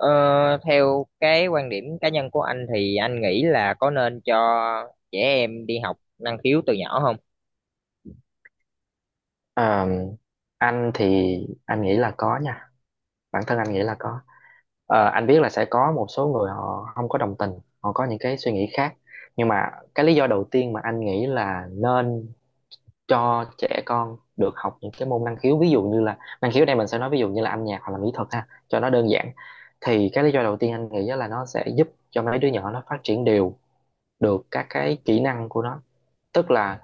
Ờ, Theo cái quan điểm cá nhân của anh thì anh nghĩ là có nên cho trẻ em đi học năng khiếu từ nhỏ không? Ờ, anh thì anh nghĩ là có nha, bản thân anh nghĩ là có. Ờ, anh biết là sẽ có một số người họ không có đồng tình, họ có những cái suy nghĩ khác, nhưng mà cái lý do đầu tiên mà anh nghĩ là nên cho trẻ con được học những cái môn năng khiếu, ví dụ như là năng khiếu đây mình sẽ nói ví dụ như là âm nhạc hoặc là mỹ thuật ha, cho nó đơn giản. Thì cái lý do đầu tiên anh nghĩ là nó sẽ giúp cho mấy đứa nhỏ nó phát triển đều được các cái kỹ năng của nó. Tức là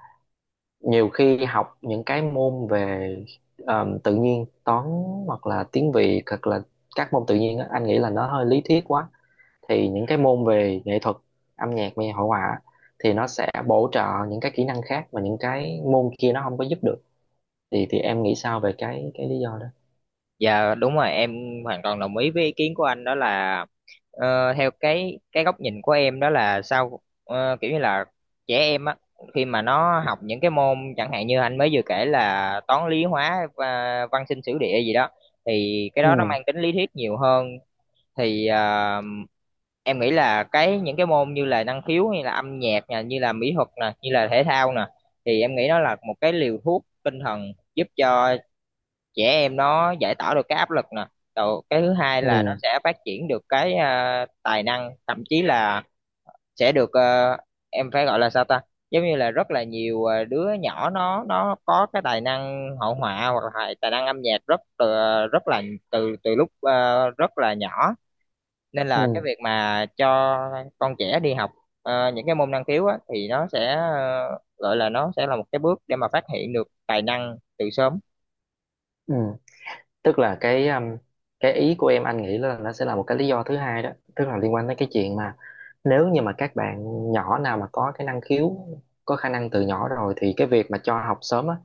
nhiều khi học những cái môn về tự nhiên toán hoặc là tiếng Việt hoặc là các môn tự nhiên á, anh nghĩ là nó hơi lý thuyết quá. Thì những cái môn về nghệ thuật, âm nhạc và hội họa thì nó sẽ bổ trợ những cái kỹ năng khác mà những cái môn kia nó không có giúp được. Thì em nghĩ sao về cái lý do đó? Dạ đúng rồi em, hoàn toàn đồng ý với ý kiến của anh đó là, theo cái góc nhìn của em đó là sao, kiểu như là trẻ em á, khi mà nó học những cái môn chẳng hạn như anh mới vừa kể là toán lý hóa và văn sinh sử địa gì đó thì cái đó nó Ừ. mang tính lý thuyết nhiều hơn. Thì em nghĩ là cái những cái môn như là năng khiếu hay là âm nhạc nè, như là mỹ thuật nè, như là thể thao nè thì em nghĩ nó là một cái liều thuốc tinh thần giúp cho trẻ em nó giải tỏa được cái áp lực nè. Rồi cái thứ hai là nó Ừ. sẽ phát triển được cái, tài năng, thậm chí là sẽ được, em phải gọi là sao ta. Giống như là rất là nhiều đứa nhỏ nó có cái tài năng hội họa hoặc là tài năng âm nhạc, rất từ, rất là từ từ lúc rất là nhỏ. Nên là cái Ừ. việc mà cho con trẻ đi học, những cái môn năng khiếu á, thì nó sẽ, gọi là nó sẽ là một cái bước để mà phát hiện được tài năng từ sớm. Ừ, tức là cái ý của em anh nghĩ là nó sẽ là một cái lý do thứ hai đó. Tức là liên quan tới cái chuyện mà nếu như mà các bạn nhỏ nào mà có cái năng khiếu, có khả năng từ nhỏ rồi thì cái việc mà cho học sớm á,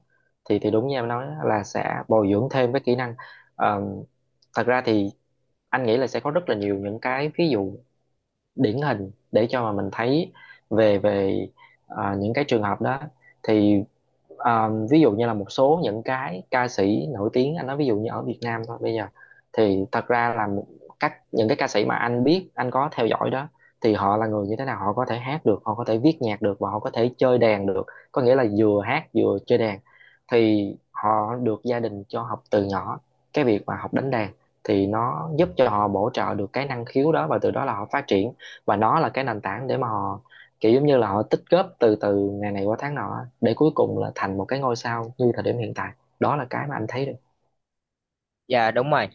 thì đúng như em nói á, là sẽ bồi dưỡng thêm cái kỹ năng. Ờ, thật ra thì anh nghĩ là sẽ có rất là nhiều những cái ví dụ điển hình để cho mà mình thấy về về à, những cái trường hợp đó. Thì à, ví dụ như là một số những cái ca sĩ nổi tiếng, anh nói ví dụ như ở Việt Nam thôi bây giờ, thì thật ra là những cái ca sĩ mà anh biết anh có theo dõi đó, thì họ là người như thế nào, họ có thể hát được, họ có thể viết nhạc được và họ có thể chơi đàn được, có nghĩa là vừa hát vừa chơi đàn. Thì họ được gia đình cho học từ nhỏ cái việc mà học đánh đàn, thì nó giúp cho họ bổ trợ được cái năng khiếu đó và từ đó là họ phát triển, và nó là cái nền tảng để mà họ kiểu giống như là họ tích góp từ từ ngày này qua tháng nọ để cuối cùng là thành một cái ngôi sao như thời điểm hiện tại. Đó là cái mà anh thấy được. Dạ đúng rồi.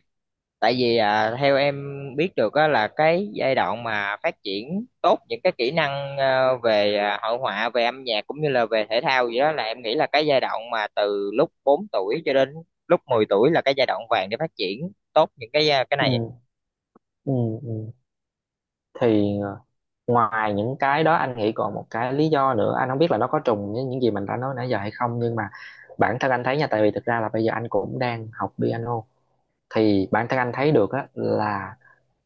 Tại vì theo em biết được á, là cái giai đoạn mà phát triển tốt những cái kỹ năng về, hội họa, về âm nhạc cũng như là về thể thao gì đó, là em nghĩ là cái giai đoạn mà từ lúc 4 tuổi cho đến lúc 10 tuổi là cái giai đoạn vàng để phát triển tốt những cái, cái Ừ. này. Ừ. Ừ. Thì ờ, ngoài những cái đó anh nghĩ còn một cái lý do nữa, anh không biết là nó có trùng với những gì mình đã nói nãy giờ hay không, nhưng mà bản thân anh thấy nha, tại vì thực ra là bây giờ anh cũng đang học piano, thì bản thân anh thấy được á, là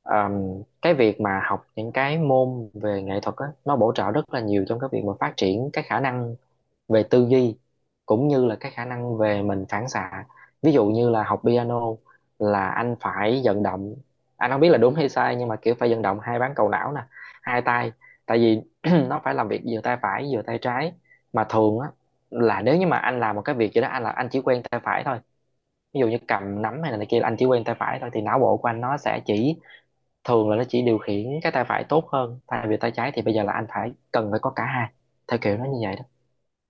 cái việc mà học những cái môn về nghệ thuật á, nó bổ trợ rất là nhiều trong cái việc mà phát triển cái khả năng về tư duy cũng như là cái khả năng về mình phản xạ. Ví dụ như là học piano là anh phải vận động, anh không biết là đúng hay sai nhưng mà kiểu phải vận động hai bán cầu não nè, hai tay, tại vì nó phải làm việc vừa tay phải vừa tay trái. Mà thường á là nếu như mà anh làm một cái việc gì đó, anh là anh chỉ quen tay phải thôi, ví dụ như cầm nắm hay là này kia là anh chỉ quen tay phải thôi, thì não bộ của anh nó sẽ chỉ thường là nó chỉ điều khiển cái tay phải tốt hơn thay vì tay trái, thì bây giờ là anh phải cần phải có cả hai. Theo kiểu nó như vậy đó.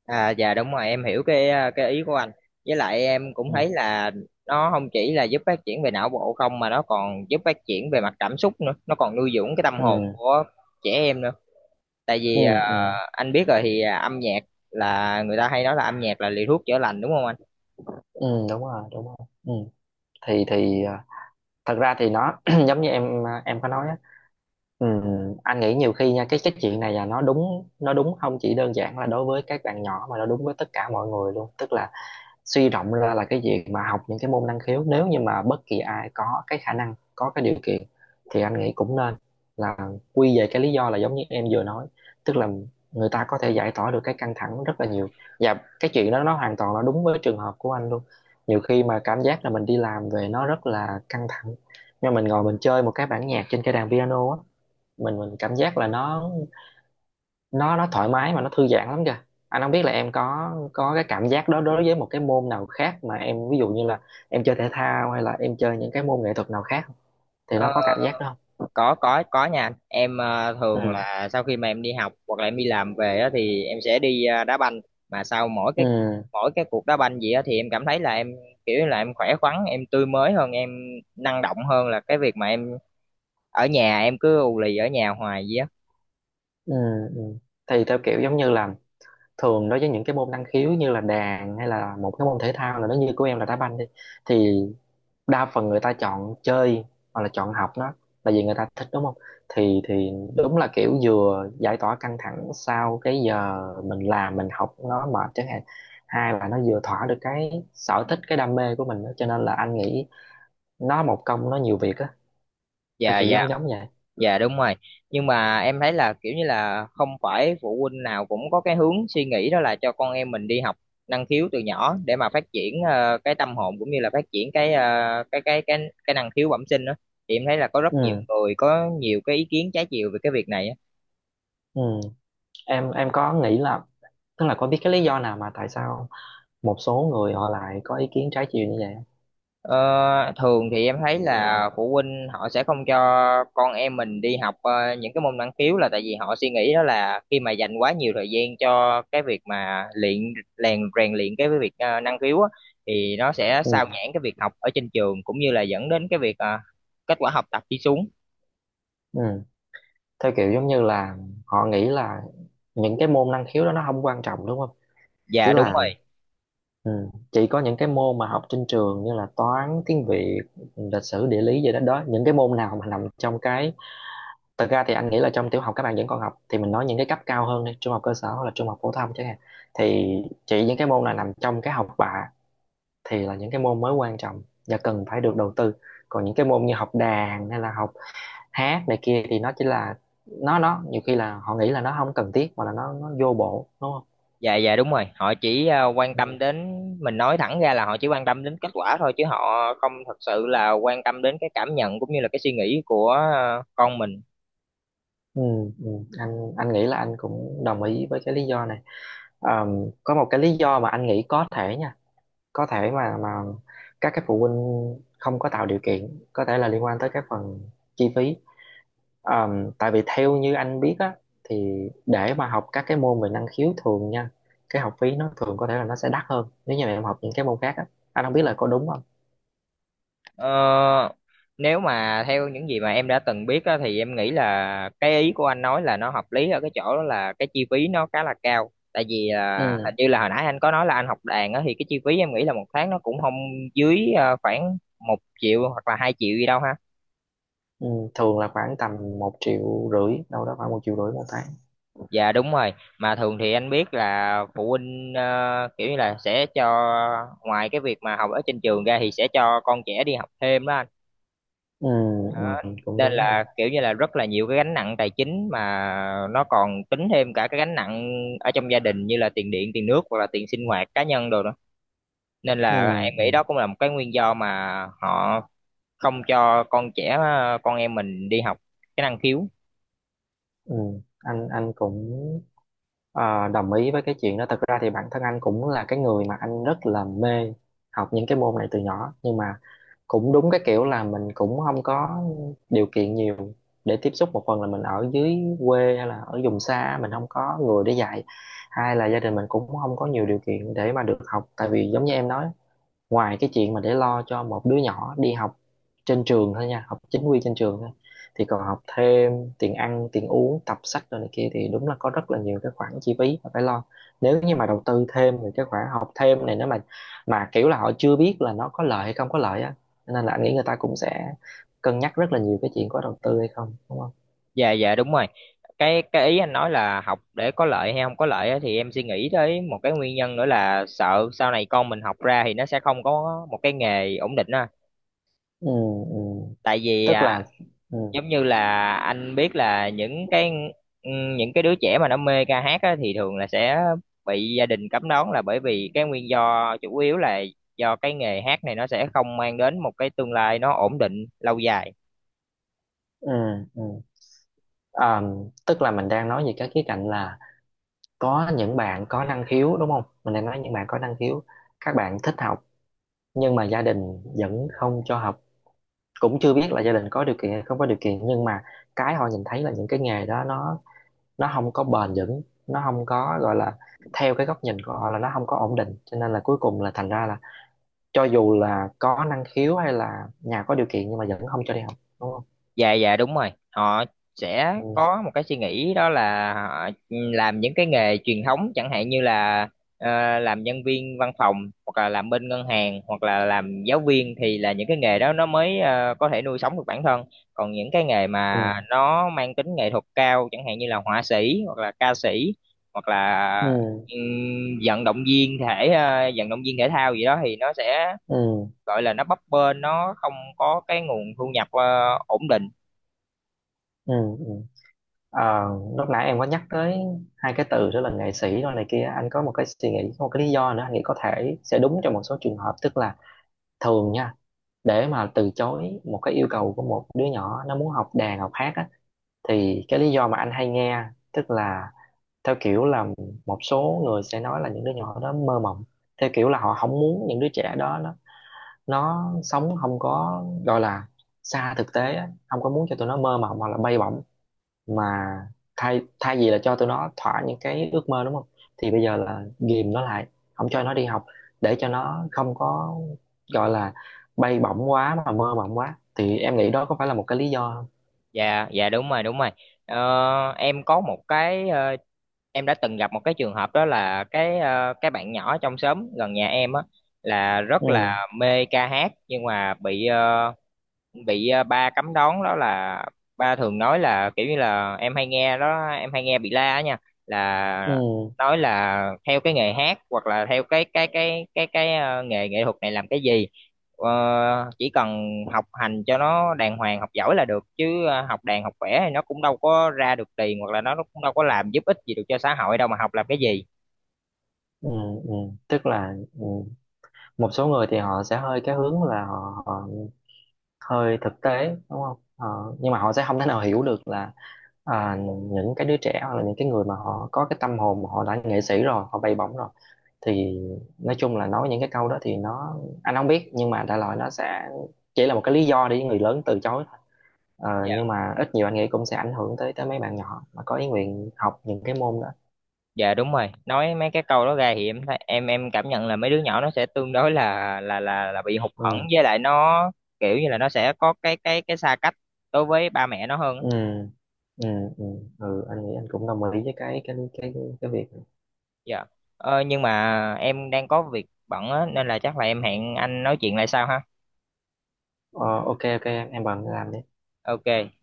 Dạ đúng rồi. Em hiểu cái, cái ý của anh. Với lại em cũng Ừ. thấy là nó không chỉ là giúp phát triển về não bộ không mà nó còn giúp phát triển về mặt cảm xúc nữa, nó còn nuôi dưỡng cái tâm Ừ. hồn của trẻ em nữa. Tại Ừ. vì Ừ. anh biết rồi thì, âm nhạc, là người ta hay nói là âm nhạc là liều thuốc chữa lành đúng không anh? Ừ đúng rồi, đúng rồi. Ừ. thì à, thật ra thì nó giống như em à, em có nói á, ừ, anh nghĩ nhiều khi nha cái chuyện này là nó đúng không chỉ đơn giản là đối với các bạn nhỏ mà nó đúng với tất cả mọi người luôn. Tức là suy rộng ra là cái việc mà học những cái môn năng khiếu, nếu như mà bất kỳ ai có cái khả năng, có cái điều kiện thì anh nghĩ cũng nên, là quy về cái lý do là giống như em vừa nói. Tức là người ta có thể giải tỏa được cái căng thẳng rất là nhiều, và cái chuyện đó nó hoàn toàn là đúng với trường hợp của anh luôn. Nhiều khi mà cảm giác là mình đi làm về nó rất là căng thẳng nhưng mà mình ngồi mình chơi một cái bản nhạc trên cái đàn piano á, mình cảm giác là nó thoải mái mà nó thư giãn lắm kìa. Anh không biết là em có cái cảm giác đó đối với một cái môn nào khác mà em, ví dụ như là em chơi thể thao hay là em chơi những cái môn nghệ thuật nào khác không? Thì nó Ờ, có cảm giác đó không? có có nha anh. Em thường Ừ. là sau khi mà em đi học hoặc là em đi làm về á, thì em sẽ đi đá banh. Mà sau mỗi cái Ừ. mỗi cái cuộc đá banh gì á, thì em cảm thấy là em kiểu như là em khỏe khoắn, em tươi mới hơn, em năng động hơn là cái việc mà em ở nhà em cứ ù lì ở nhà hoài gì á. Ừ. Ừ. Thì theo kiểu giống như là thường đối với những cái môn năng khiếu như là đàn hay là một cái môn thể thao là nó như của em là đá banh đi, thì đa phần người ta chọn chơi hoặc là chọn học nó là vì người ta thích, đúng không? Thì đúng là kiểu vừa giải tỏa căng thẳng sau cái giờ mình làm mình học nó mệt chẳng hạn, hai là nó vừa thỏa được cái sở thích, cái đam mê của mình đó. Cho nên là anh nghĩ nó một công nó nhiều việc á, theo Dạ kiểu dạ. giống giống vậy. Dạ đúng rồi. Nhưng mà em thấy là kiểu như là không phải phụ huynh nào cũng có cái hướng suy nghĩ đó là cho con em mình đi học năng khiếu từ nhỏ để mà phát triển cái tâm hồn cũng như là phát triển cái, cái năng khiếu bẩm sinh đó. Thì em thấy là có rất nhiều Ừ. người có nhiều cái ý kiến trái chiều về cái việc này á. Ừ. Em có nghĩ là, tức là có biết cái lý do nào mà tại sao một số người họ lại có ý kiến trái chiều như vậy không? Ờ, Thường thì em thấy là phụ huynh họ sẽ không cho con em mình đi học, những cái môn năng khiếu là tại vì họ suy nghĩ đó là khi mà dành quá nhiều thời gian cho cái việc mà luyện rèn rèn luyện cái việc, năng khiếu á, thì nó sẽ sao Ừ. nhãng cái việc học ở trên trường cũng như là dẫn đến cái việc, kết quả học tập đi xuống. Ừ, theo kiểu giống như là họ nghĩ là những cái môn năng khiếu đó nó không quan trọng, đúng không? Tức Dạ đúng rồi, là, ừ, chỉ có những cái môn mà học trên trường như là toán, tiếng Việt, lịch sử, địa lý gì đó đó, những cái môn nào mà nằm trong cái, thật ra thì anh nghĩ là trong tiểu học các bạn vẫn còn học thì mình nói những cái cấp cao hơn đi, trung học cơ sở hoặc là trung học phổ thông chẳng hạn, thì chỉ những cái môn nào nằm trong cái học bạ thì là những cái môn mới quan trọng và cần phải được đầu tư. Còn những cái môn như học đàn hay là học hát này kia thì nó chỉ là, nó nhiều khi là họ nghĩ là nó không cần thiết mà là nó vô bổ, đúng không? dạ dạ đúng rồi. Họ chỉ ờ, quan tâm Ừ. đến Mình nói thẳng ra là họ chỉ quan tâm đến kết quả thôi, chứ họ không thật sự là quan tâm đến cái cảm nhận cũng như là cái suy nghĩ của, con mình. Ừ. Ừ. anh nghĩ là anh cũng đồng ý với cái lý do này. Có một cái lý do mà anh nghĩ có thể nha, có thể mà các cái phụ huynh không có tạo điều kiện, có thể là liên quan tới cái phần chi phí. Tại vì theo như anh biết á, thì để mà học các cái môn về năng khiếu thường nha, cái học phí nó thường có thể là nó sẽ đắt hơn nếu như mà em học những cái môn khác á. Anh không biết là có đúng không. Ờ, Nếu mà theo những gì mà em đã từng biết á, thì em nghĩ là cái ý của anh nói là nó hợp lý ở cái chỗ đó là cái chi phí nó khá là cao. Tại vì Ừ. hình như là hồi nãy anh có nói là anh học đàn á, thì cái chi phí em nghĩ là một tháng nó cũng không dưới, khoảng 1 triệu hoặc là 2 triệu gì đâu ha. Ừ, thường là khoảng tầm một triệu rưỡi đâu đó, khoảng một triệu rưỡi một tháng. Dạ đúng rồi. Mà thường thì anh biết là phụ huynh, kiểu như là sẽ cho, ngoài cái việc mà học ở trên trường ra thì sẽ cho con trẻ đi học thêm đó anh. Ừ. Ừ. Ừ, cũng Nên đúng ha. là kiểu như là rất là nhiều cái gánh nặng tài chính mà nó còn tính thêm cả cái gánh nặng ở trong gia đình như là tiền điện tiền nước hoặc là tiền sinh hoạt cá nhân đồ nữa. Nên Ừ. là em nghĩ Ừ. đó cũng là một cái nguyên do mà họ không cho con em mình đi học cái năng khiếu. Ừ. anh cũng ờ, đồng ý với cái chuyện đó. Thật ra thì bản thân anh cũng là cái người mà anh rất là mê học những cái môn này từ nhỏ nhưng mà cũng đúng cái kiểu là mình cũng không có điều kiện nhiều để tiếp xúc, một phần là mình ở dưới quê hay là ở vùng xa mình không có người để dạy, hai là gia đình mình cũng không có nhiều điều kiện để mà được học. Tại vì giống như em nói, ngoài cái chuyện mà để lo cho một đứa nhỏ đi học trên trường thôi nha, học chính quy trên trường thôi, thì còn học thêm, tiền ăn, tiền uống, tập sách rồi này kia, thì đúng là có rất là nhiều cái khoản chi phí mà phải lo. Nếu như mà đầu tư thêm thì cái khoản học thêm này, nếu mà kiểu là họ chưa biết là nó có lợi hay không có lợi á, nên là anh nghĩ người ta cũng sẽ cân nhắc rất là nhiều cái chuyện có đầu tư hay không, đúng không? Dạ dạ đúng rồi. Cái ý anh nói là học để có lợi hay không có lợi á, thì em suy nghĩ tới một cái nguyên nhân nữa là sợ sau này con mình học ra thì nó sẽ không có một cái nghề ổn định á. Ừ. Ừ. Tại vì Tức là, ừ. giống như là anh biết là những cái đứa trẻ mà nó mê ca hát á, thì thường là sẽ bị gia đình cấm đoán là bởi vì cái nguyên do chủ yếu là do cái nghề hát này nó sẽ không mang đến một cái tương lai nó ổn định lâu dài. Ừ. Ừ. À, tức là mình đang nói về cái khía cạnh là có những bạn có năng khiếu, đúng không, mình đang nói những bạn có năng khiếu, các bạn thích học nhưng mà gia đình vẫn không cho học. Cũng chưa biết là gia đình có điều kiện hay không có điều kiện, nhưng mà cái họ nhìn thấy là những cái nghề đó nó không có bền vững, nó không có gọi là, theo cái góc nhìn của họ là nó không có ổn định, cho nên là cuối cùng là thành ra là cho dù là có năng khiếu hay là nhà có điều kiện nhưng mà vẫn không cho đi học, đúng không? Dạ dạ đúng rồi. Họ sẽ Ừ. có một cái suy nghĩ đó là họ, làm những cái nghề truyền thống chẳng hạn như là, làm nhân viên văn phòng hoặc là làm bên ngân hàng hoặc là làm giáo viên, thì là những cái nghề đó nó mới, có thể nuôi sống được bản thân. Còn những cái nghề Ừ. mà nó mang tính nghệ thuật cao chẳng hạn như là họa sĩ hoặc là ca sĩ hoặc là Ừ. Vận động viên thể thao gì đó thì nó sẽ Ừ. gọi là nó bấp bênh, nó không có cái nguồn thu nhập, ổn định. Ừ. Ừ. Ờ, lúc nãy em có nhắc tới hai cái từ đó là nghệ sĩ rồi này kia, anh có một cái suy nghĩ, có một cái lý do nữa anh nghĩ có thể sẽ đúng trong một số trường hợp. Tức là thường nha, để mà từ chối một cái yêu cầu của một đứa nhỏ nó muốn học đàn học hát á, thì cái lý do mà anh hay nghe, tức là theo kiểu là, một số người sẽ nói là những đứa nhỏ đó mơ mộng, theo kiểu là họ không muốn những đứa trẻ đó nó sống không có gọi là xa thực tế á, không có muốn cho tụi nó mơ mộng hoặc là bay bổng, mà thay thay vì là cho tụi nó thỏa những cái ước mơ, đúng không, thì bây giờ là ghìm nó lại, không cho nó đi học, để cho nó không có gọi là bay bổng quá mà mơ mộng quá. Thì em nghĩ đó có phải là một cái lý do không? Dạ, dạ đúng rồi, đúng rồi. Ờ, em có một cái ờ, Em đã từng gặp một cái trường hợp đó là cái, cái bạn nhỏ trong xóm gần nhà em á, là Ừ. rất là mê ca hát nhưng mà bị ba cấm đón đó là ba thường nói là kiểu như là em hay nghe đó, em hay nghe bị la á nha, Ừ. là nói là theo cái nghề hát hoặc là theo cái nghề nghệ thuật này làm cái gì. Ờ, chỉ cần học hành cho nó đàng hoàng, học giỏi là được chứ, học đàn học vẽ thì nó cũng đâu có ra được tiền hoặc là nó cũng đâu có làm giúp ích gì được cho xã hội đâu mà học làm cái gì. Ừ. Ừ. Tức là, ừ. Một số người thì họ sẽ hơi cái hướng là họ hơi thực tế, đúng không? Họ- nhưng mà họ sẽ không thể nào hiểu được là à, những cái đứa trẻ hoặc là những cái người mà họ có cái tâm hồn, mà họ đã nghệ sĩ rồi, họ bay bổng rồi, thì nói chung là nói những cái câu đó thì nó, anh không biết, nhưng mà đại loại nó sẽ chỉ là một cái lý do để người lớn từ chối thôi. Ờ, nhưng mà ít nhiều anh nghĩ cũng sẽ ảnh hưởng tới tới mấy bạn nhỏ mà có ý nguyện học những cái môn đó. Dạ đúng rồi. Nói mấy cái câu đó ra thì em cảm nhận là mấy đứa nhỏ nó sẽ tương đối là bị hụt hẫng, Ừ. với lại nó kiểu như là nó sẽ có cái xa cách đối với ba mẹ nó hơn. Ừ. Ừ. Ừ. Ừ anh nghĩ anh cũng đồng ý với cái cái việc. Dạ. Nhưng mà em đang có việc bận á nên là chắc là em hẹn anh nói chuyện lại sau ha. Ờ, ok, ok em bận làm đi. Ok.